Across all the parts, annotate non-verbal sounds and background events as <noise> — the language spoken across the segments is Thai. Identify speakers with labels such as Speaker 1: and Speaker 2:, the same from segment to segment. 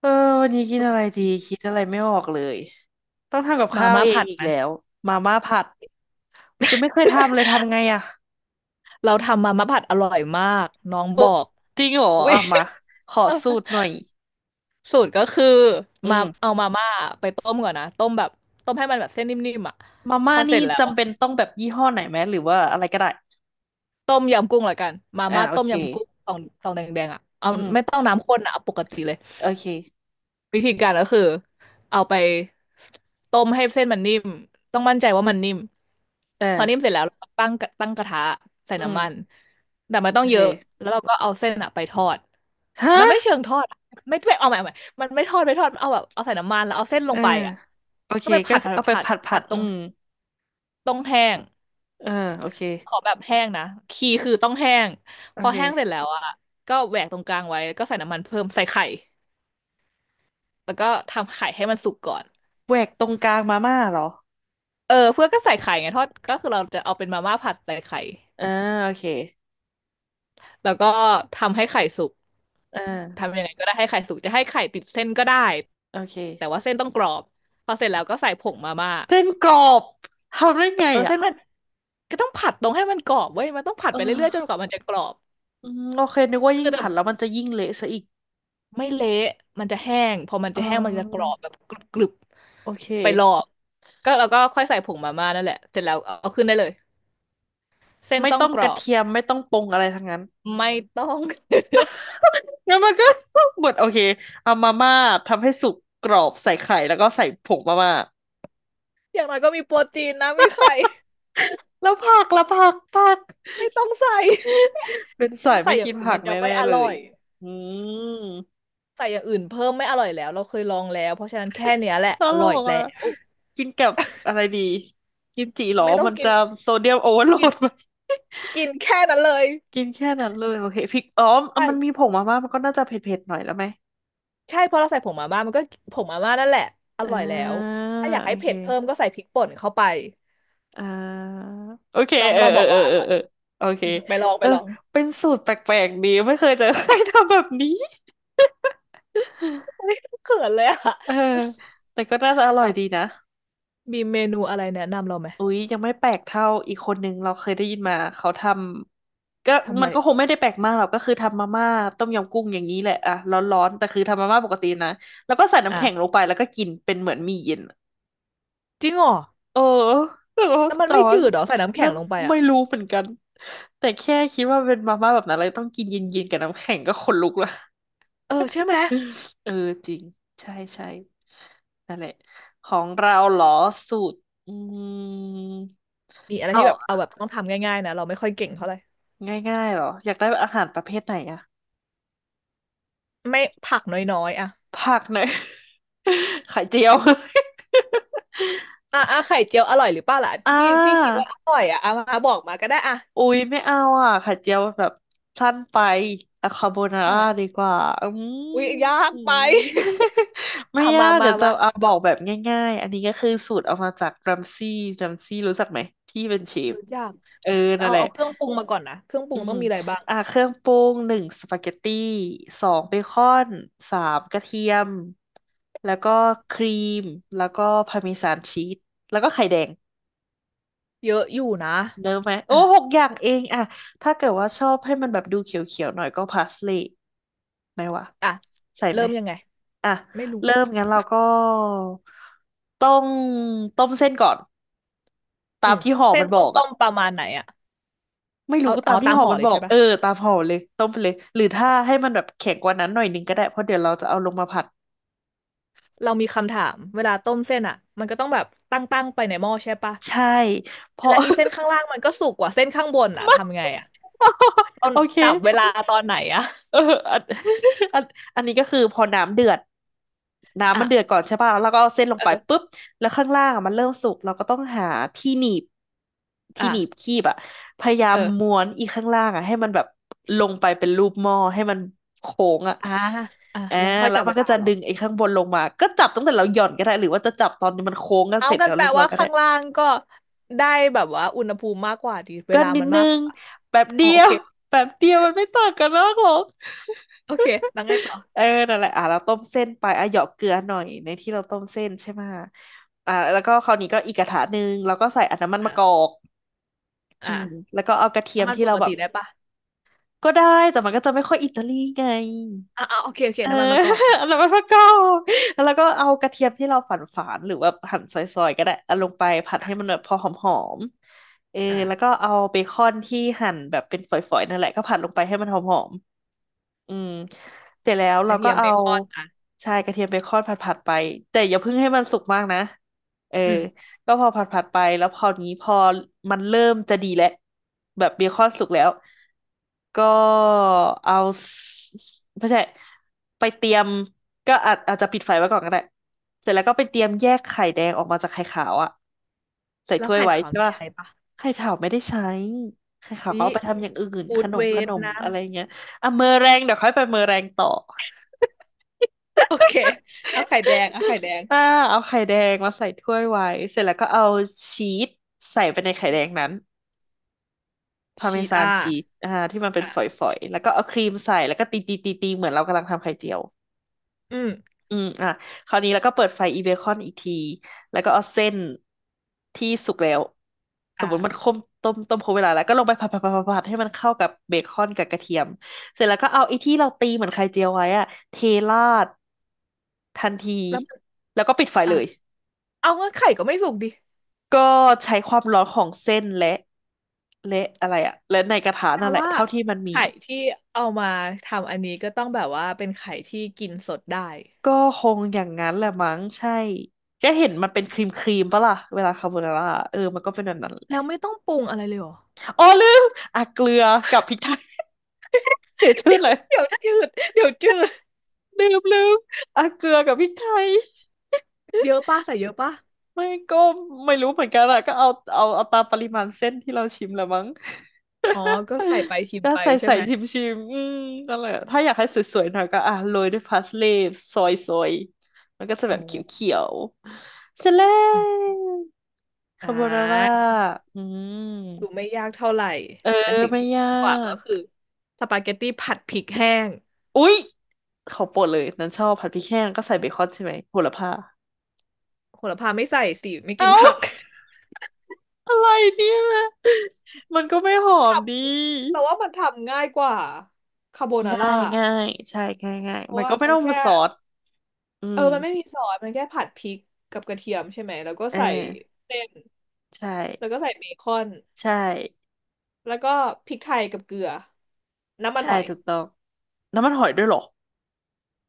Speaker 1: เออวันนี้กิน
Speaker 2: ป
Speaker 1: อะไร
Speaker 2: ก
Speaker 1: ดี
Speaker 2: ติ
Speaker 1: คิดอะไรไม่ออกเลยต้องทำกับ
Speaker 2: มา
Speaker 1: ข้าว
Speaker 2: ม่า
Speaker 1: เอง
Speaker 2: ผัด
Speaker 1: อีก
Speaker 2: ไหม
Speaker 1: แล้วมาม่าผัดยังไม่เคยทำเลยทำไงอะ
Speaker 2: เราทำมาม่าผัดอร่อยมากน้อง
Speaker 1: โอ้
Speaker 2: บอก
Speaker 1: จริงเหรอ
Speaker 2: <laughs> เว้ย
Speaker 1: อ่ะมาขอสูตรหน่อย
Speaker 2: สูตรก็คือ
Speaker 1: อื
Speaker 2: มาเอา
Speaker 1: ม
Speaker 2: มาม่าไปต้มก่อนนะต้มแบบต้มให้มันแบบเส้นนิ่มๆอ่ะ
Speaker 1: มา
Speaker 2: พ
Speaker 1: ม่า
Speaker 2: อเส
Speaker 1: นี่
Speaker 2: ร็จแล้ว
Speaker 1: จำ
Speaker 2: อะ
Speaker 1: เป็นต้องแบบยี่ห้อไหนไหมหรือว่าอะไรก็ได้
Speaker 2: ต้มยำกุ้งละกันมา
Speaker 1: อ่า
Speaker 2: ม่า
Speaker 1: โอ
Speaker 2: ต้ม
Speaker 1: เค
Speaker 2: ยำกุ้งตองตองแดงๆอ่ะเอา
Speaker 1: อื
Speaker 2: ไม่
Speaker 1: ม
Speaker 2: ต้องน้ำข้นนะเอาปกติเลย
Speaker 1: โอเค
Speaker 2: วิธีการก็คือเอาไปต้มให้เส้นมันนิ่มต้องมั่นใจว่ามันนิ่มพอนิ่ม
Speaker 1: เออ
Speaker 2: เสร็จแล้วเราก็ตั้งกระทะใส่
Speaker 1: อื
Speaker 2: น้ำมัน
Speaker 1: ม
Speaker 2: แต่มัน
Speaker 1: โอ
Speaker 2: ต้องเย
Speaker 1: เค
Speaker 2: อะแล้วเราก็เอาเส้นอะไปทอด
Speaker 1: ฮะ
Speaker 2: มันไม่เชิงทอดอะไม่เอาใหม่เอาใหม่มันไม่ทอดเอาแบบเอาใส่น้ำมันแล้วเอาเส้นล
Speaker 1: เอ
Speaker 2: ง
Speaker 1: อ
Speaker 2: ไปอ่ะ
Speaker 1: โอเค
Speaker 2: ก็ไป
Speaker 1: ก็
Speaker 2: ผัดผัด
Speaker 1: เอาไป
Speaker 2: ผัด
Speaker 1: ผัดผั
Speaker 2: ผั
Speaker 1: ด
Speaker 2: ดต
Speaker 1: อื
Speaker 2: รง
Speaker 1: ม
Speaker 2: ต้องแห้ง
Speaker 1: เออโอเค
Speaker 2: ขอแบบแห้งนะคีย์คือต้องแห้ง
Speaker 1: โอ
Speaker 2: พอแห้งเสร็จ
Speaker 1: เค
Speaker 2: แล้วอ่ะก็แหวกตรงกลางไว้แล้วก็ใส่น้ำมันเพิ่มใส่ไข่แล้วก็ทำไข่ให้มันสุกก่อน
Speaker 1: แหวกตรงกลางมาม่าเหรอ
Speaker 2: เออเพื่อนก็ใส่ไข่ไงทอดก็คือเราจะเอาเป็นมาม่าผัดใส่ไข่
Speaker 1: อ่าโอเค
Speaker 2: แล้วก็ทำให้ไข่สุก
Speaker 1: เออ
Speaker 2: ทำยังไงก็ได้ให้ไข่สุกจะให้ไข่ติดเส้นก็ได้
Speaker 1: โอเค
Speaker 2: แต่ว่าเส้นต้องกรอบพอเสร็จแล้วก็ใส่ผงมาม่า
Speaker 1: เส้นกรอบทำได้ไง
Speaker 2: เออ
Speaker 1: อ่ะ
Speaker 2: เส้นมันก็ต้องผัดตรงให้มันกรอบเว้ยมันต้องผั
Speaker 1: เ
Speaker 2: ดไปเรื่อยๆจนก
Speaker 1: ออ
Speaker 2: ว่ามันจะกรอบ
Speaker 1: อืมโอเคนึกว่ายิ่
Speaker 2: คื
Speaker 1: ง
Speaker 2: อแต่
Speaker 1: ผัดแล้วมันจะยิ่งเละซะอีก
Speaker 2: ไม่เละมันจะแห้งพอมัน
Speaker 1: เ
Speaker 2: จะแห้งมันจะกรอ
Speaker 1: ออ
Speaker 2: บแบบกรึบ
Speaker 1: โอเค
Speaker 2: ๆไปรอบก็แล้วก็ค่อยใส่ผงมาม่านั่นแหละเสร็จแล้วเอาขึ้นได้เลยเส้น
Speaker 1: ไม่
Speaker 2: ต้อ
Speaker 1: ต้
Speaker 2: ง
Speaker 1: อง
Speaker 2: กร
Speaker 1: กระ
Speaker 2: อบ
Speaker 1: เทียมไม่ต้องปรุงอะไรทั้งนั้น
Speaker 2: ไม่ต้อง
Speaker 1: แล้วมันก็ <laughs> หมดโอเคเอามาม่าทำให้สุกกรอบใส่ไข่แล้วก็ใส่ผงมาม่า
Speaker 2: <laughs> อย่างน้อยก็มีโปรตีนนะมีไข่
Speaker 1: แล้วผักและผักผัก
Speaker 2: ไม่ต้องใส่
Speaker 1: เป็น
Speaker 2: <laughs>
Speaker 1: สา
Speaker 2: ถ้า
Speaker 1: ย
Speaker 2: ใส่
Speaker 1: ไม่
Speaker 2: อย่า
Speaker 1: กิ
Speaker 2: ง
Speaker 1: น
Speaker 2: อื่น
Speaker 1: ผั
Speaker 2: มั
Speaker 1: ก
Speaker 2: นจะไม่
Speaker 1: แน่
Speaker 2: อ
Speaker 1: ๆเล
Speaker 2: ร่อ
Speaker 1: ย
Speaker 2: ย
Speaker 1: อืม
Speaker 2: ใส่อย่างอื่นเพิ่มไม่อร่อยแล้วเราเคยลองแล้วเพราะฉะนั้นแค่เนี้ยแหละ
Speaker 1: ต
Speaker 2: อ
Speaker 1: ล
Speaker 2: ร่อย
Speaker 1: ก
Speaker 2: แล้
Speaker 1: อ่ะ
Speaker 2: ว
Speaker 1: กินกับอะไรดีกิมจิเหรอ
Speaker 2: ไม่ต้อง
Speaker 1: มัน
Speaker 2: กิน
Speaker 1: จะโซเดียมโอเวอร์โหล
Speaker 2: กิน
Speaker 1: ดไหม
Speaker 2: กินแค่นั้นเลย
Speaker 1: กินแค่นั้นเลยโอเคพริกอ๋อมันมี
Speaker 2: ใช่
Speaker 1: ผงมาม่ามันก็น่าจะเผ็ดๆหน่อยแล้วไหม
Speaker 2: ใช่เพราะเราใส่ผงมาม่ามันก็ผงมาม่านั่นแหละอ
Speaker 1: อ่
Speaker 2: ร่อยแล้ว
Speaker 1: า
Speaker 2: ถ้าอยาก
Speaker 1: โอ
Speaker 2: ให้
Speaker 1: เ
Speaker 2: เผ็ดเพิ่มก็
Speaker 1: ค
Speaker 2: ใส่พริกป่นเข้าไป
Speaker 1: อ่าโอเค
Speaker 2: น้อง
Speaker 1: เออ
Speaker 2: เรา
Speaker 1: เอ
Speaker 2: บ
Speaker 1: อ
Speaker 2: อก
Speaker 1: เออ
Speaker 2: ว่าอ
Speaker 1: เออ
Speaker 2: ร่อย
Speaker 1: เออโอเค
Speaker 2: อืมไปลอง
Speaker 1: เอ
Speaker 2: ไป
Speaker 1: อ
Speaker 2: ลอง
Speaker 1: เป็นสูตรแปลกๆดีไม่เคยเจอใครทำแบบนี้
Speaker 2: โอ้
Speaker 1: <laughs>
Speaker 2: ยเขินเลยอะ
Speaker 1: เออแต่ก็น่าจะอร่อ
Speaker 2: แล้
Speaker 1: ย
Speaker 2: ว
Speaker 1: ดีนะ
Speaker 2: มีเมนูอะไรแนะนำเราไหม
Speaker 1: อุ๊ยยังไม่แปลกเท่าอีกคนนึงเราเคยได้ยินมาเขาทำก็
Speaker 2: ทำอะ
Speaker 1: มัน
Speaker 2: ไร
Speaker 1: ก็คงไม่ได้แปลกมากหรอกก็คือทำมาม่าต้มยำกุ้งอย่างนี้แหละอะร้อนๆแต่คือทำมาม่าปกตินะแล้วก็ใส่น้ำแข็งล
Speaker 2: อ่ะ
Speaker 1: งไปแล้วก็กินเป็นเหมือนหมี่เย็นอะ
Speaker 2: จริงเหรอ
Speaker 1: เออแล้วก็
Speaker 2: แล้วมัน
Speaker 1: สอ
Speaker 2: ไม่จื
Speaker 1: น
Speaker 2: ดเหรอใส่น้ำแข็
Speaker 1: นั่
Speaker 2: ง
Speaker 1: น
Speaker 2: ลงไปอะ
Speaker 1: ไม่รู้เหมือนกันแต่แค่คิดว่าเป็นมาม่าแบบนั้นเลยต้องกินเย็นๆกับน้ำแข็งก็ขนลุกละ
Speaker 2: เออใช่ไหม
Speaker 1: <laughs> เออจริงใช่ใช่นั่นแหละของเราเหรอสูตรอืม
Speaker 2: มีอะไร
Speaker 1: เอา
Speaker 2: ที่แบบเอาแบบต้องทำง่ายๆนะเราไม่ค่อยเก่งเท่าไหร่
Speaker 1: ง่ายๆเหรออยากได้อาหารประเภทไหนอะ
Speaker 2: ไม่ผักน้อยๆอ่ะ
Speaker 1: ผักหน่อย <laughs> ไข่เจียว <laughs>
Speaker 2: อ่ะอ่ะไข่เจียวอร่อยหรือเปล่าล่ะ
Speaker 1: อ่
Speaker 2: ที่คิด
Speaker 1: า
Speaker 2: ว่าอร่อยอ่ะอ่ะมาบอกมาก็ได้อ่ะ
Speaker 1: อุ๊ยไม่เอาอ่ะไข่เจียวแบบสั้นไปอะคาโบนาร่าดี
Speaker 2: อ่ะ
Speaker 1: กว่าอืม
Speaker 2: อุ๊ยยากไป
Speaker 1: <laughs>
Speaker 2: <laughs>
Speaker 1: ไม่
Speaker 2: อ่ะ
Speaker 1: ยา
Speaker 2: มา
Speaker 1: ก
Speaker 2: มา
Speaker 1: เดี๋ยวจะ
Speaker 2: มา
Speaker 1: เอาบอกแบบง่ายๆอันนี้ก็คือสูตรเอามาจากรัมซี่รัมซี่รู้จักไหมที่เป็นเชฟ
Speaker 2: รู้ยาก
Speaker 1: เออนั่น
Speaker 2: เอา
Speaker 1: แหละ
Speaker 2: เอาเครื่องปรุงมาก่อนนะเครื่องปรุ
Speaker 1: อื
Speaker 2: งต้
Speaker 1: ม
Speaker 2: องมีอะไรบ้าง
Speaker 1: อ่าเครื่องปรุงหนึ่งสปาเกตตี้สองเบคอนสามกระเทียมแล้วก็ครีมแล้วก็พาร์เมซานชีสแล้วก็ไข่แดง
Speaker 2: เยอะอยู่นะ
Speaker 1: เนอะไหมโอ้
Speaker 2: อ่ะ
Speaker 1: หกอย่างเองอ่ะถ้าเกิดว่าชอบให้มันแบบดูเขียวๆหน่อยก็พาสลีย์ไหมวะ
Speaker 2: อ่ะ
Speaker 1: ใส่ไห
Speaker 2: เริ่
Speaker 1: ม
Speaker 2: มยังไง
Speaker 1: อ่ะ
Speaker 2: ไม่รู้
Speaker 1: เริ่มงั้นเราก็ต้องต้มเส้นก่อน
Speaker 2: อื
Speaker 1: ตาม
Speaker 2: ม
Speaker 1: ที่ห่อ
Speaker 2: เส้
Speaker 1: มั
Speaker 2: น
Speaker 1: นบ
Speaker 2: ต้อ
Speaker 1: อ
Speaker 2: ง
Speaker 1: ก
Speaker 2: ต้
Speaker 1: อ่ะ
Speaker 2: มประมาณไหนอ่ะ
Speaker 1: ไม่รู้
Speaker 2: เอา
Speaker 1: ก็ตา
Speaker 2: เอา
Speaker 1: มที่
Speaker 2: ตาม
Speaker 1: หอ
Speaker 2: ห่อ
Speaker 1: มัน
Speaker 2: เลย
Speaker 1: บอก
Speaker 2: ใช่
Speaker 1: เอ
Speaker 2: ปะ
Speaker 1: อ ตามหอเลยต้มไปเลย หรือถ้าให้มันแบบแข็งกว่านั้นหน่อยหนึงก็ได้ เพราะเดี๋ยวเราจะเอาลงมาผัด
Speaker 2: เรามีคำถามเวลาต้มเส้นอ่ะมันก็ต้องแบบตั้งไปในหม้อใช่ปะ
Speaker 1: ใช่ เพราะ
Speaker 2: และอีเส้นข้างล่างมันก็สุกกว่าเส้นข้างบน
Speaker 1: <laughs>
Speaker 2: อ่ะ
Speaker 1: ไม่
Speaker 2: ทำไงอ่ะตอน
Speaker 1: โอเค
Speaker 2: จับเวลาตอนไหนอ่ะ
Speaker 1: เอออันอันอันนี้ก็คือพอน้ำเดือดน้ำ
Speaker 2: อ่ะ
Speaker 1: มันเดือดก่อนใช่ป่ะแล้วเราก็เอาเส้นลง
Speaker 2: เอ
Speaker 1: ไป
Speaker 2: อ
Speaker 1: ปุ๊บแล้วข้างล่างอะมันเริ่มสุกเราก็ต้องหาที่หนีบที่
Speaker 2: อ่ะ
Speaker 1: หนีบคีบอะพยายา
Speaker 2: เอ
Speaker 1: มม้
Speaker 2: อ
Speaker 1: วนอีข้างล่างอะให้มันแบบลงไปเป็นรูปหม้อให้มันโค้งอะ
Speaker 2: อ่าอ่ะ
Speaker 1: อ่า
Speaker 2: แล้วค่อย
Speaker 1: แล้ว
Speaker 2: จับ
Speaker 1: มั
Speaker 2: เว
Speaker 1: นก็
Speaker 2: ลา
Speaker 1: จะ
Speaker 2: เหรอ
Speaker 1: ดึงไอ้ข้างบนลงมาก็จับตั้งแต่เราหย่อนก็ได้หรือว่าจะจับตอนนี้มันโค้งกัน
Speaker 2: เอา
Speaker 1: เสร็จ
Speaker 2: กั
Speaker 1: แล้
Speaker 2: น
Speaker 1: ว
Speaker 2: แปล
Speaker 1: เรียบร้อ
Speaker 2: ว่า
Speaker 1: ยก็ได้
Speaker 2: ข้างล่างก็ได้แบบว่าอุณหภูมิมากกว่าดีเว
Speaker 1: ก็
Speaker 2: ลา
Speaker 1: นิด
Speaker 2: มัน
Speaker 1: นึ
Speaker 2: มากก
Speaker 1: ง
Speaker 2: ว่า
Speaker 1: แบบ
Speaker 2: อ๋
Speaker 1: เดี
Speaker 2: อโอ
Speaker 1: ยว
Speaker 2: เค
Speaker 1: <laughs> แบบเดียวมันไม่ต่างกันมากหรอก
Speaker 2: โอเคแล้วไงต่อ
Speaker 1: <laughs> เออนั่นแหละอ่ะเราต้มเส้นไปอ่ะเหยาะเกลือหน่อยในที่เราต้มเส้นใช่ไหมอ่ะแล้วก็คราวนี้ก็อีกกระทะหนึ่งแล้วก็ใส่อันน้ำมันมะกอ
Speaker 2: อ่ะ
Speaker 1: กอื
Speaker 2: อ่ะ
Speaker 1: มแล้วก็เอากระเทียม
Speaker 2: น้ำมัน
Speaker 1: ที่
Speaker 2: ป
Speaker 1: เรา
Speaker 2: ก
Speaker 1: แบ
Speaker 2: ติ
Speaker 1: บ
Speaker 2: ได้ปะ
Speaker 1: ก็ได้แต่มันก็จะไม่ค่อยอิตาลีไง
Speaker 2: อ่ะอ่ะโอเคโอเค
Speaker 1: เออ
Speaker 2: น้ำมันมะกอกอ่ะ
Speaker 1: <laughs> แล้วมันก็เกาแล้วก็เอากระเทียมที่เราฝานฝานหรือว่าหั่นซอยๆก็ได้เอาลงไปผัด
Speaker 2: อ่ะ
Speaker 1: ให้มันแบบพอหอมๆเออ
Speaker 2: อ่ะ
Speaker 1: แล้วก็เอาเบคอนที่หั่นแบบเป็นฝอยๆนั่นแหละก็ผัดลงไปให้มันหอมๆอืมเสร็จแล้ว
Speaker 2: ก
Speaker 1: เรา
Speaker 2: ระเที
Speaker 1: ก็
Speaker 2: ยมเบ
Speaker 1: เอา
Speaker 2: คอนอ่ะ
Speaker 1: ใช่กระเทียมเบคอนผัดๆไปแต่อย่าเพิ่งให้มันสุกมากนะเออ
Speaker 2: อืม
Speaker 1: ก็พอผัดผัดไปแล้วพอนี้พอมันเริ่มจะดีแล้วแบบเบคอนสุกแล้ว ก็เอาสไม่ใช่ไปเตรียมก็อาจจะปิดไฟไว้ก่อนก็ได้เสร็จแล้วก็ไปเตรียมแยกไข่แดงออกมาจากไข่ขาวอะใส่
Speaker 2: แล้ว
Speaker 1: ถ้วย
Speaker 2: ไข่
Speaker 1: ไว้
Speaker 2: ขาว
Speaker 1: ใช่
Speaker 2: นี่
Speaker 1: ป่ะ
Speaker 2: ใช้ปะ
Speaker 1: ไข่ขาวไม่ได้ใช้ไข่ขาวก็
Speaker 2: ว่
Speaker 1: เอาไปทำอย่างอื่น
Speaker 2: ฟู
Speaker 1: ข
Speaker 2: ด
Speaker 1: น
Speaker 2: เว
Speaker 1: มข
Speaker 2: ท
Speaker 1: นม
Speaker 2: นะ
Speaker 1: อะไรเงี้ยอ่ะเมอแรงเดี๋ยวค่อยไปเมอแรงต่อ
Speaker 2: โอเคเอาไข่แดงเอาไข่แดง
Speaker 1: <laughs> อ่าเอาไข่แดงมาใส่ถ้วยไว้เสร็จแล้วก็เอาชีสใส่ไปในไข่แดงนั้นพาร์เม
Speaker 2: ชีต
Speaker 1: ซาน
Speaker 2: อ่า
Speaker 1: ชีสอ่าที่มันเป็น
Speaker 2: อ่ะ
Speaker 1: ฝอยๆแล้วก็เอาครีมใส่แล้วก็ตีตีตีตีเหมือนเรากำลังทำไข่เจียว
Speaker 2: อืม
Speaker 1: อืมอ่ะคราวนี้แล้วก็เปิดไฟอีเบคอนอีกทีแล้วก็เอาเส้นที่สุกแล้วส
Speaker 2: อ่ะ
Speaker 1: มมติมันต้มต้มครบเวลาแล้วก็ลงไปผัดให้มันเข้ากับเบคอนกับกระเทียมเสร็จแล้วก็เอาไอ้ที่เราตีเหมือนไข่เจียวไว้อะเทราดทันที
Speaker 2: แล้วมัน
Speaker 1: แล้วก็ปิดไฟ
Speaker 2: อ่ะ
Speaker 1: เลย
Speaker 2: เอางั้นไข่ก็ไม่สุกดิ
Speaker 1: ก็ใช้ความร้อนของเส้นและอะไรอะและในกระทะ
Speaker 2: แปล
Speaker 1: นั่นแหละ
Speaker 2: ว่า
Speaker 1: เท่าที่มันมี
Speaker 2: ไข่
Speaker 1: อะ
Speaker 2: ที่เอามาทำอันนี้ก็ต้องแบบว่าเป็นไข่ที่กินสดได้
Speaker 1: ก็คงอย่างนั้นแหละมั้งใช่ก็เห็นมันเป็นครีมปะล่ะเวลาคาโบนาร่าเออมันก็เป็นแบบนั้น
Speaker 2: แล้วไม่ต้องปรุงอะไรเลยเหรอ
Speaker 1: อ๋อลืมอ่ะเกลือกับพริกไทยเสียวชื่อ
Speaker 2: เดี๋ยว
Speaker 1: เลย
Speaker 2: เดี๋ยวจืดเดี๋ยวจืด
Speaker 1: ลืมอ่ะเกลือกับพริกไทย
Speaker 2: เยอะป่ะใส่เยอะป่ะ
Speaker 1: ไม่ก็ไม่รู้เหมือนกันอะก็เอาเอาตามปริมาณเส้นที่เราชิมละมั้ง
Speaker 2: อ๋อก็ใส่ไปชิม
Speaker 1: ก็
Speaker 2: ไป
Speaker 1: ใส่
Speaker 2: ใช่
Speaker 1: ใส่
Speaker 2: ไหม
Speaker 1: ชิมชิมอืมนั่นแหละถ้าอยากให้สวยๆหน่อยก็อ่ะโรยด้วยพาสลีย์ซอยซอยมันก็จะแบ
Speaker 2: อ๋
Speaker 1: บเ
Speaker 2: อ
Speaker 1: ขียวๆเสร็จแล้
Speaker 2: อื
Speaker 1: ว
Speaker 2: มอ่
Speaker 1: คาโบนาร่า
Speaker 2: า
Speaker 1: อืมเออ
Speaker 2: แต่สิ่ง
Speaker 1: ไม่
Speaker 2: ที่
Speaker 1: ยา
Speaker 2: ดีกว่าก็คื
Speaker 1: ก
Speaker 2: อสปาเกตตี้ผัดพริกแห้ง
Speaker 1: อุ๊ยขอโปรดเลยนั้นชอบผัดพริกแห้งก็ใส่เบคอนใช่ไหมโหระพา
Speaker 2: โหระพาไม่ใส่สิไม่กิ
Speaker 1: เอ้า
Speaker 2: น
Speaker 1: <laughs>
Speaker 2: ผัก
Speaker 1: อะไรเนี่ยมันก็ไม่หอมดี
Speaker 2: <laughs> แต่ว่ามันทำง่ายกว่าคาโบนาร่า
Speaker 1: ง่ายง่ายใช่ง่ายง่าย
Speaker 2: เพราะ
Speaker 1: มัน
Speaker 2: ว่า
Speaker 1: ก็ไม่
Speaker 2: มัน
Speaker 1: ต้องมา
Speaker 2: แค่
Speaker 1: ซอสอื
Speaker 2: เออ
Speaker 1: ม
Speaker 2: มันไม่มีซอสมันแค่ผัดพริกกับกระเทียมใช่ไหมแล้วก็
Speaker 1: เอ
Speaker 2: ใส่
Speaker 1: อ
Speaker 2: เส้น
Speaker 1: ใช่
Speaker 2: แล้วก็ใส่เบคอน
Speaker 1: ใช่
Speaker 2: แล้วก็พริกไทยกับเกลือน้ำมัน
Speaker 1: ใช่
Speaker 2: หอย
Speaker 1: ถูกต้องน้ำมันหอยด้วยเหรอ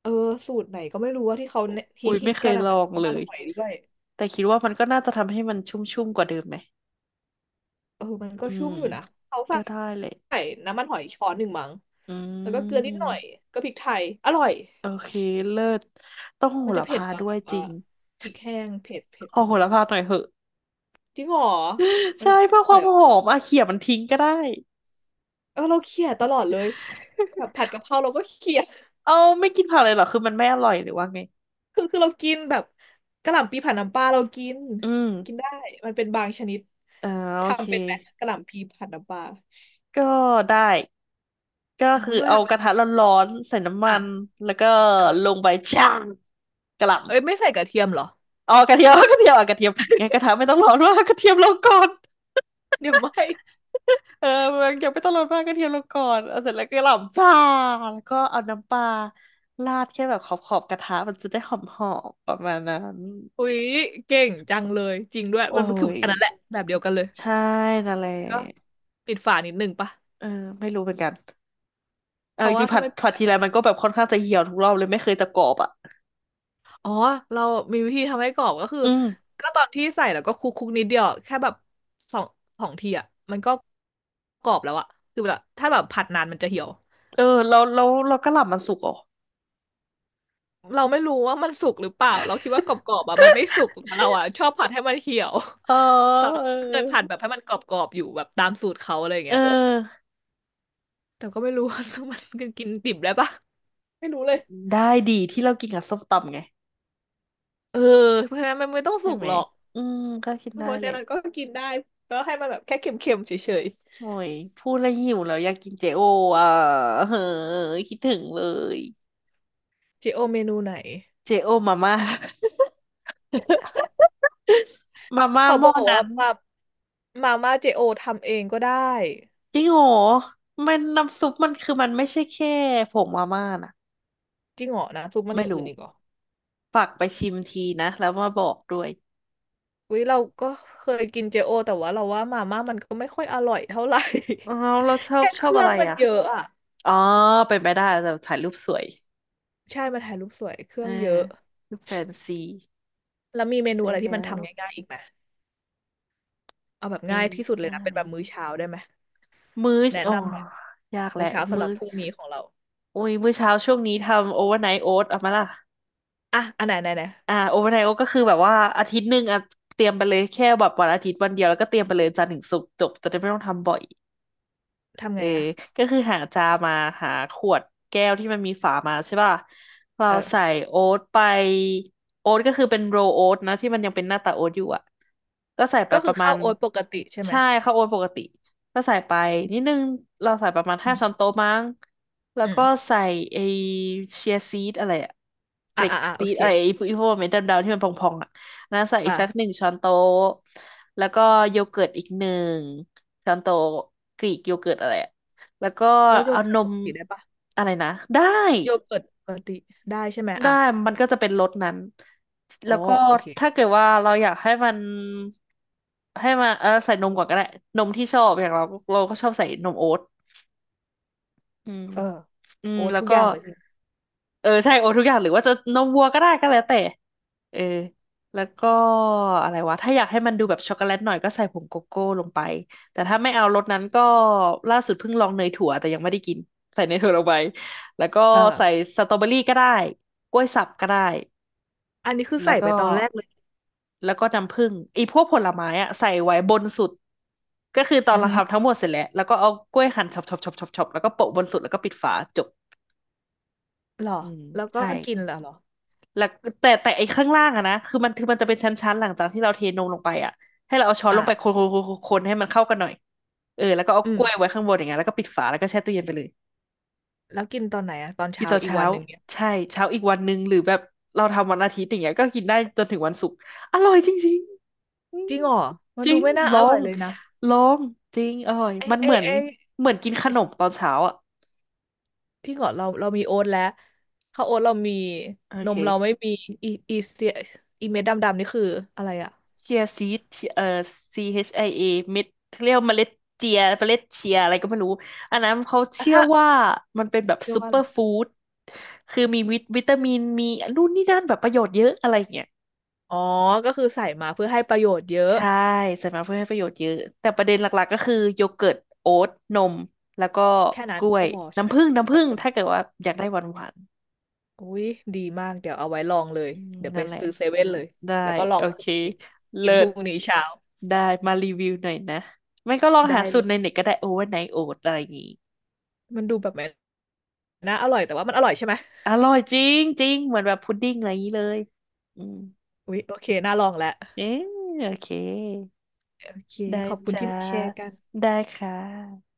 Speaker 2: เออสูตรไหนก็ไม่รู้ว่าที่เขาฮิ
Speaker 1: อุ้
Speaker 2: ต
Speaker 1: ย
Speaker 2: ฮิ
Speaker 1: ไม่
Speaker 2: ต
Speaker 1: เค
Speaker 2: กั
Speaker 1: ย
Speaker 2: นอ่ะ
Speaker 1: ลอ
Speaker 2: มันมี
Speaker 1: งเล
Speaker 2: น้ำมัน
Speaker 1: ย
Speaker 2: หอยด้วย
Speaker 1: แต่คิดว่ามันก็น่าจะทำให้มันชุ่มๆกว่าเดิมไหม
Speaker 2: เออมันก็
Speaker 1: อื
Speaker 2: ชุ่
Speaker 1: ม
Speaker 2: มอยู่นะเขา
Speaker 1: ก็ได้เลย
Speaker 2: ใส่น้ำมันหอยช้อนหนึ่งมั้ง
Speaker 1: อื
Speaker 2: แล้วก็เกลือนิดหน่อ
Speaker 1: ม
Speaker 2: ยก็พริกไทยอร่อย
Speaker 1: โอเคเลิศต้องโห
Speaker 2: มันจะ
Speaker 1: ระ
Speaker 2: เผ็ด
Speaker 1: พา
Speaker 2: ตอน
Speaker 1: ด้ว
Speaker 2: แบ
Speaker 1: ย
Speaker 2: บ
Speaker 1: จ
Speaker 2: ว่า
Speaker 1: ริง
Speaker 2: พริกแห้งเผ็ด
Speaker 1: ขอ
Speaker 2: ห
Speaker 1: โห
Speaker 2: น่อย
Speaker 1: ระพาหน่อยเหอะ
Speaker 2: จริงเหรอ
Speaker 1: <laughs>
Speaker 2: มัน
Speaker 1: ใช่เพื่อ
Speaker 2: อ
Speaker 1: ค
Speaker 2: ร่อ
Speaker 1: วา
Speaker 2: ย
Speaker 1: ม
Speaker 2: เหรอ
Speaker 1: หอมอ่ะเขี่ยมันทิ้งก็ได้
Speaker 2: เออเราเคี่ยตลอดเลยแบบผัดกะเพราเราก็เคี่ย
Speaker 1: เอาไม่กินผักเลยเหรอคือมันไม่อร่อยหรือว่าไง
Speaker 2: <laughs> คือเรากินแบบกะหล่ำปีผัดน้ำปลาเรากิน
Speaker 1: อืม
Speaker 2: กินได้มันเป็นบางชนิด
Speaker 1: อ่าโอเค
Speaker 2: ทำเป็นไหมกะหล่ำปีผัดน้ำปลา
Speaker 1: ก็ได้ก็
Speaker 2: ทำไม
Speaker 1: คือ
Speaker 2: ทำไม
Speaker 1: เอา
Speaker 2: ทำไม
Speaker 1: ก
Speaker 2: น
Speaker 1: ระทะร้อนๆใส่น้ำมั
Speaker 2: อ่ะ
Speaker 1: นแล้วก็
Speaker 2: เออ
Speaker 1: ลงไปช่างกะหล่ำ
Speaker 2: เอ้ยไม่ใส่กระเทียมเหรอ
Speaker 1: อ๋อกระเทียม <laughs> กระเทียมอ่ะกระเทียมงั้นกระทะไม่ต้องร้อนมาก <laughs> กระเทียมลงก่อน <laughs>
Speaker 2: เดี๋ยวไม่
Speaker 1: เออมันยังไม่ต้องลดมากกระเทียมลงก่อนเอาเสร็จแล้วก็หล่ำจ่าแล้วก็เอาน้ำปลาราดแค่แบบขอบขอบกระทะมันจะได้หอมหอมประมาณนั้น
Speaker 2: อุ๊ยเก่งจังเลยจริงด้วย
Speaker 1: โอ้
Speaker 2: มันคือ
Speaker 1: ย
Speaker 2: อันนั้นแหละแบบเดียวกันเลย
Speaker 1: ใช่นั่นแหละ
Speaker 2: ก็ปิดฝานิดนึงปะ
Speaker 1: เออไม่รู้เหมือนกัน
Speaker 2: เพ
Speaker 1: เอาจ
Speaker 2: ราะว่า
Speaker 1: ริงๆ
Speaker 2: ถ้า
Speaker 1: ผัด
Speaker 2: ไม่
Speaker 1: ผัดทีไรมันก็แบบค่อนข้างจะเหี่ยวทุกรอบเลยไม่เคยจะกรอบอ่ะ
Speaker 2: อ๋อเรามีวิธีทำให้กรอบก็คือ
Speaker 1: อืม
Speaker 2: ก็ตอนที่ใส่แล้วก็คลุกนิดเดียวแค่แบบสองสองทีอ่ะมันก็กรอบแล้วอ่ะคือแบบถ้าแบบผัดนานมันจะเหี่ยว
Speaker 1: เออแล้วแล้วเราก็หลับมันสุกเหรอ
Speaker 2: เราไม่รู้ว่ามันสุกหรือเปล่าเราคิดว่ากรอบๆอ่ะมันไม่สุกแต่เราอ่ะชอบผัดให้มันเหี่ยว
Speaker 1: เอ
Speaker 2: <laughs> แต่
Speaker 1: อ
Speaker 2: เคยผัดแบบให้มันกรอบๆออยู่แบบตามสูตรเขาอะไรอย่าง
Speaker 1: เอ
Speaker 2: เงี้ย
Speaker 1: อ
Speaker 2: แต่ก็ไม่รู้ว่า <laughs> มันกินดิบได้ปะไม่รู้เลย
Speaker 1: ได้ดีที่เรากินกับส้มตำไง
Speaker 2: เออเพราะฉะนั้นมันไม่ต้อง
Speaker 1: ใช่
Speaker 2: สุก
Speaker 1: ไหม
Speaker 2: หรอก
Speaker 1: อืมก็กิน
Speaker 2: เพ
Speaker 1: ได้
Speaker 2: ราะ
Speaker 1: แห
Speaker 2: ฉะ
Speaker 1: ละ
Speaker 2: นั้นก็กินได้ก็ให้มันแบบแค่เค็มๆเฉย
Speaker 1: โอ้ยพูดแล้วหิวแล้วอยากกินเจโออ่ะ <laughs> เฮ้ยคิดถึงเลย
Speaker 2: ๆเจโอเมนูไหน
Speaker 1: เจโอมาม่า <laughs> มาม่า
Speaker 2: เขา
Speaker 1: ห
Speaker 2: บ
Speaker 1: ม้อ
Speaker 2: อก
Speaker 1: นั้
Speaker 2: ว่า
Speaker 1: น
Speaker 2: มาม่าเจโอทำเองก็ได้
Speaker 1: จริงโหรอมันน้ำซุปมันคือมันไม่ใช่แค่ผงมาม่านะ
Speaker 2: จริงเหรอนะทุกมันอ
Speaker 1: ไม่
Speaker 2: ย่างอื่
Speaker 1: รู้
Speaker 2: นอีกเหรอ
Speaker 1: ฝากไปชิมทีนะแล้วมาบอกด้วย
Speaker 2: วิเราก็เคยกินเจโอแต่ว่าเราว่ามาม่ามันก็ไม่ค่อยอร่อยเท่าไหร่
Speaker 1: อ๋อเราช
Speaker 2: <laughs>
Speaker 1: อบ
Speaker 2: แค่
Speaker 1: ช
Speaker 2: เค
Speaker 1: อบ
Speaker 2: รื่
Speaker 1: อะ
Speaker 2: อง
Speaker 1: ไร
Speaker 2: มัน
Speaker 1: อ่ะ
Speaker 2: เยอะอ่ะ
Speaker 1: อ๋อเป็นไปได้แต่ถ่ายรูปสวย
Speaker 2: ใช่มันถ่ายรูปสวยเค
Speaker 1: เอ
Speaker 2: รื่
Speaker 1: อ
Speaker 2: องเยอะ
Speaker 1: รูปแฟนซี
Speaker 2: แล้วมีเมนู
Speaker 1: ใช่
Speaker 2: อะไร
Speaker 1: แล้
Speaker 2: ที่มัน
Speaker 1: ว
Speaker 2: ทำง่ายๆอีกไหมเอาแบบง่า
Speaker 1: ง่า
Speaker 2: ย
Speaker 1: ย
Speaker 2: ที่สุดเลย
Speaker 1: ง่า
Speaker 2: นะเป็น
Speaker 1: ย
Speaker 2: แบบมื้อเช้าได้ไหม
Speaker 1: มื้อ
Speaker 2: แนะ
Speaker 1: โอ้
Speaker 2: นำหน่อย
Speaker 1: ยากแห
Speaker 2: มื้
Speaker 1: ละ
Speaker 2: อเช้าสำห
Speaker 1: มื้
Speaker 2: รั
Speaker 1: อ
Speaker 2: บพรุ่งนี้ของเรา
Speaker 1: โอ้ยมื้อเช้าช่วงนี้ทำโอเวอร์ไนท์โอ๊ตเอามาล่ะ
Speaker 2: อ่ะอันไหนไหนไหน
Speaker 1: อ่าโอเวอร์ไนท์โอ๊ตก็คือแบบว่าอาทิตย์หนึ่งอ่ะเตรียมไปเลยแค่แบบวันอาทิตย์วันเดียวแล้วก็เตรียมไปเลยจันทร์ถึงศุกร์จบจะได้ไม่ต้องทำบ่อย
Speaker 2: ทำ
Speaker 1: เอ
Speaker 2: ไง
Speaker 1: อ
Speaker 2: อ่ะ
Speaker 1: ก็คือหาจามาหาขวดแก้วที่มันมีฝามาใช่ป่ะเราใส่
Speaker 2: เออ
Speaker 1: โอ๊ตไปโอ๊ตก็คือเป็นโรลโอ๊ตนะที่มันยังเป็นหน้าตาโอ๊ตอยู่อ่ะก็ใส่ไป
Speaker 2: ก็
Speaker 1: ป
Speaker 2: คือ
Speaker 1: ระมา
Speaker 2: ข้าว
Speaker 1: ณ
Speaker 2: โอ๊ตปกติใช่ไหม
Speaker 1: ใช่ข้าวโอ๊ตปกติก็ใส่ไปนิดนึงเราใส่ประมาณ
Speaker 2: อื
Speaker 1: ห้าช้อน
Speaker 2: ม
Speaker 1: โต๊ะมั้งแล้ว
Speaker 2: อืม
Speaker 1: ก็ใส่ไอเชียร์ซีดอะไรอะเฟ
Speaker 2: อ่ะ
Speaker 1: ล็ก
Speaker 2: อ่ะอ่ะโอ
Speaker 1: ซีด
Speaker 2: เค
Speaker 1: อะไรไอพวกเม็ดดำๆที่มันพองๆอะ น้ำใส่อี
Speaker 2: อ่ะ
Speaker 1: กสัก1 ช้อนโต๊ะแล้วก็โยเกิร์ตอีกหนึ่งช้อนโต๊ะกรีกโยเกิร์ตอะไรอะแล้วก็
Speaker 2: แล้วโย
Speaker 1: เอา
Speaker 2: เกิ
Speaker 1: น
Speaker 2: ร์ตป
Speaker 1: ม
Speaker 2: กติได้ปะ
Speaker 1: อะไรนะได้
Speaker 2: โยเกิร์ตปกติได้ใช่ไหม
Speaker 1: ได้
Speaker 2: อ่ะ
Speaker 1: มันก็จะเป็นรสนั้น
Speaker 2: อ๋
Speaker 1: แล้
Speaker 2: อ
Speaker 1: วก็
Speaker 2: โอเค
Speaker 1: ถ้าเกิดว่าเราอยากให้มันเออใส่นมก่อนก็ได้นมที่ชอบอย่างเราเราก็ชอบใส่นมโอ๊ตอืม
Speaker 2: เออ
Speaker 1: อืม
Speaker 2: โอ๊ต
Speaker 1: แล้ว
Speaker 2: ทุก
Speaker 1: ก็
Speaker 2: อย่างเลยทีนี้
Speaker 1: เออใช่โอตทุกอย่างหรือว่าจะนมวัวก็ได้ก็แล้วแต่เออแล้วก็อะไรวะถ้าอยากให้มันดูแบบช็อกโกแลตหน่อยก็ใส่ผงโกโก้ลงไปแต่ถ้าไม่เอารสนั้นก็ล่าสุดเพิ่งลองเนยถั่วแต่ยังไม่ได้กินใส่เนยถั่วลงไปแล้วก็
Speaker 2: เออ
Speaker 1: ใส่สตรอเบอรี่ก็ได้กล้วยสับก็ได้
Speaker 2: อันนี้คือ
Speaker 1: แล้ว
Speaker 2: ใส่ไป
Speaker 1: ก็
Speaker 2: ตอนแรกเลย
Speaker 1: แล้วก็น้ำผึ้งอีพวกผลไม้อะใส่ไว้บนสุดก็คือตอน
Speaker 2: อือ
Speaker 1: เรา
Speaker 2: ฮึ
Speaker 1: ทำทั้งหมดเสร็จแล้วแล้วก็เอากล้วยหั่นช็อปๆๆๆๆแล้วก็โปะบนสุดแล้วก็ปิดฝาจบ
Speaker 2: หรอ
Speaker 1: อืม
Speaker 2: แล้วก็
Speaker 1: ใช่
Speaker 2: กินเหรอ
Speaker 1: แล้วแต่แต่ไอ้ข้างล่างอะนะคือมันจะเป็นชั้นๆหลังจากที่เราเทนมลงไปอะให้เราเอาช้อนล
Speaker 2: อ่ะ
Speaker 1: งไปคนๆคนๆๆๆให้มันเข้ากันหน่อยเออแล้วก็เอา
Speaker 2: อื
Speaker 1: กล้วยไว้
Speaker 2: ม
Speaker 1: ข้างบนอย่างเงี้ยแล้วก็ปิดฝาแล้วก็แช่ตู้เย็นไปเลย
Speaker 2: แล้วกินตอนไหนอะตอน
Speaker 1: กิน
Speaker 2: เช้า
Speaker 1: ตอน
Speaker 2: อีก
Speaker 1: เช้า
Speaker 2: วันหนึ่งเนี่ย
Speaker 1: ใช่เช้าอีกวันหนึ่งหรือแบบเราทำวันอาทิตย์อย่างเงี้ยก็กินได้จนถึงวันศุกร์อร่อยจริงๆอื
Speaker 2: จ
Speaker 1: ม
Speaker 2: ริงเหรอมั
Speaker 1: จ
Speaker 2: น
Speaker 1: ริ
Speaker 2: ดู
Speaker 1: ง
Speaker 2: ไม่น่า
Speaker 1: ล
Speaker 2: อ
Speaker 1: อ
Speaker 2: ร่อย
Speaker 1: ง
Speaker 2: เลยนะ
Speaker 1: ลองจริงอร่อย
Speaker 2: ไอ้
Speaker 1: มัน
Speaker 2: ไอ้
Speaker 1: เหมือน
Speaker 2: ไอ้
Speaker 1: เหมือนกินขนมตอนเช้าอะ
Speaker 2: ที่เหรอเรามีโอ๊ตแล้วข้าวโอ๊ตเรามี
Speaker 1: โอ
Speaker 2: น
Speaker 1: เค
Speaker 2: มเราไม่มีอีเสียเม็ดดำๆนี่คืออะไรอะ
Speaker 1: เชียซีดเอ่อ CHIA เอชไอเอเม็ดเรียกว่าเมล็ดเจีย เมล็ดเชียอะไรก็ไม่รู้ อันนั้นเขา
Speaker 2: อ่ะ
Speaker 1: เชื่อ
Speaker 2: ถ้า
Speaker 1: ว่ามันเป็นแบบ
Speaker 2: เชื่อ
Speaker 1: ซู
Speaker 2: ว่า
Speaker 1: เป
Speaker 2: อะ
Speaker 1: อ
Speaker 2: ไร
Speaker 1: ร์ฟู้ดคือมีวิตามิน มีนู่นนี่นั่นแบบประโยชน์เยอะอะไรอย่างเงี้ย
Speaker 2: อ๋อก็คือใส่มาเพื่อให้ประโยชน์เยอะ
Speaker 1: ใช่ใส่มาเพื่อให้ประโยชน์เยอะ แต่ประเด็นหลักๆก็คือโยเกิร์ต โอ๊ตนม แล้วก็
Speaker 2: แค่นั้
Speaker 1: ก
Speaker 2: น
Speaker 1: ล้ว
Speaker 2: ก็
Speaker 1: ย
Speaker 2: พอใช่ไหม
Speaker 1: น้ำผึ้งน้ำ
Speaker 2: กั
Speaker 1: ผึ้
Speaker 2: บ
Speaker 1: ง
Speaker 2: ผล
Speaker 1: ถ้าเกิดว่าอยากได้หวาน
Speaker 2: อุ้ยดีมากเดี๋ยวเอาไว้ลองเลย
Speaker 1: ๆอืม
Speaker 2: เดี๋ยวไป
Speaker 1: นั่นแหละ
Speaker 2: ซื้อเซเว่นเลย
Speaker 1: ได้
Speaker 2: แล้วก็ลอ
Speaker 1: โอ
Speaker 2: งคื
Speaker 1: เค
Speaker 2: นนี้กิ
Speaker 1: เลิ
Speaker 2: นพรุ่
Speaker 1: ศ
Speaker 2: งนี้เช้า
Speaker 1: ได้มารีวิวหน่อยนะไม่ก็ลอง
Speaker 2: ได้
Speaker 1: หาสู
Speaker 2: เล
Speaker 1: ตร
Speaker 2: ย
Speaker 1: ในเน็ตก็ได้โอเวอร์ไนท์โอ๊ตอะไรอย่างงี้
Speaker 2: มันดูแบบมันน่าอร่อยแต่ว่ามันอร่อยใช่ไหม
Speaker 1: อร่อยจริงจริงเหมือนแบบพุดดิ้งอะไรอย่างนี้เลยอืม
Speaker 2: อุ๊ยโอเคน่าลองแล้ว
Speaker 1: เอ๊ะโอเค
Speaker 2: โอเค
Speaker 1: ได้
Speaker 2: ขอบคุณ
Speaker 1: จ้า
Speaker 2: ที่มาแชร์กัน
Speaker 1: ได้ค่ะ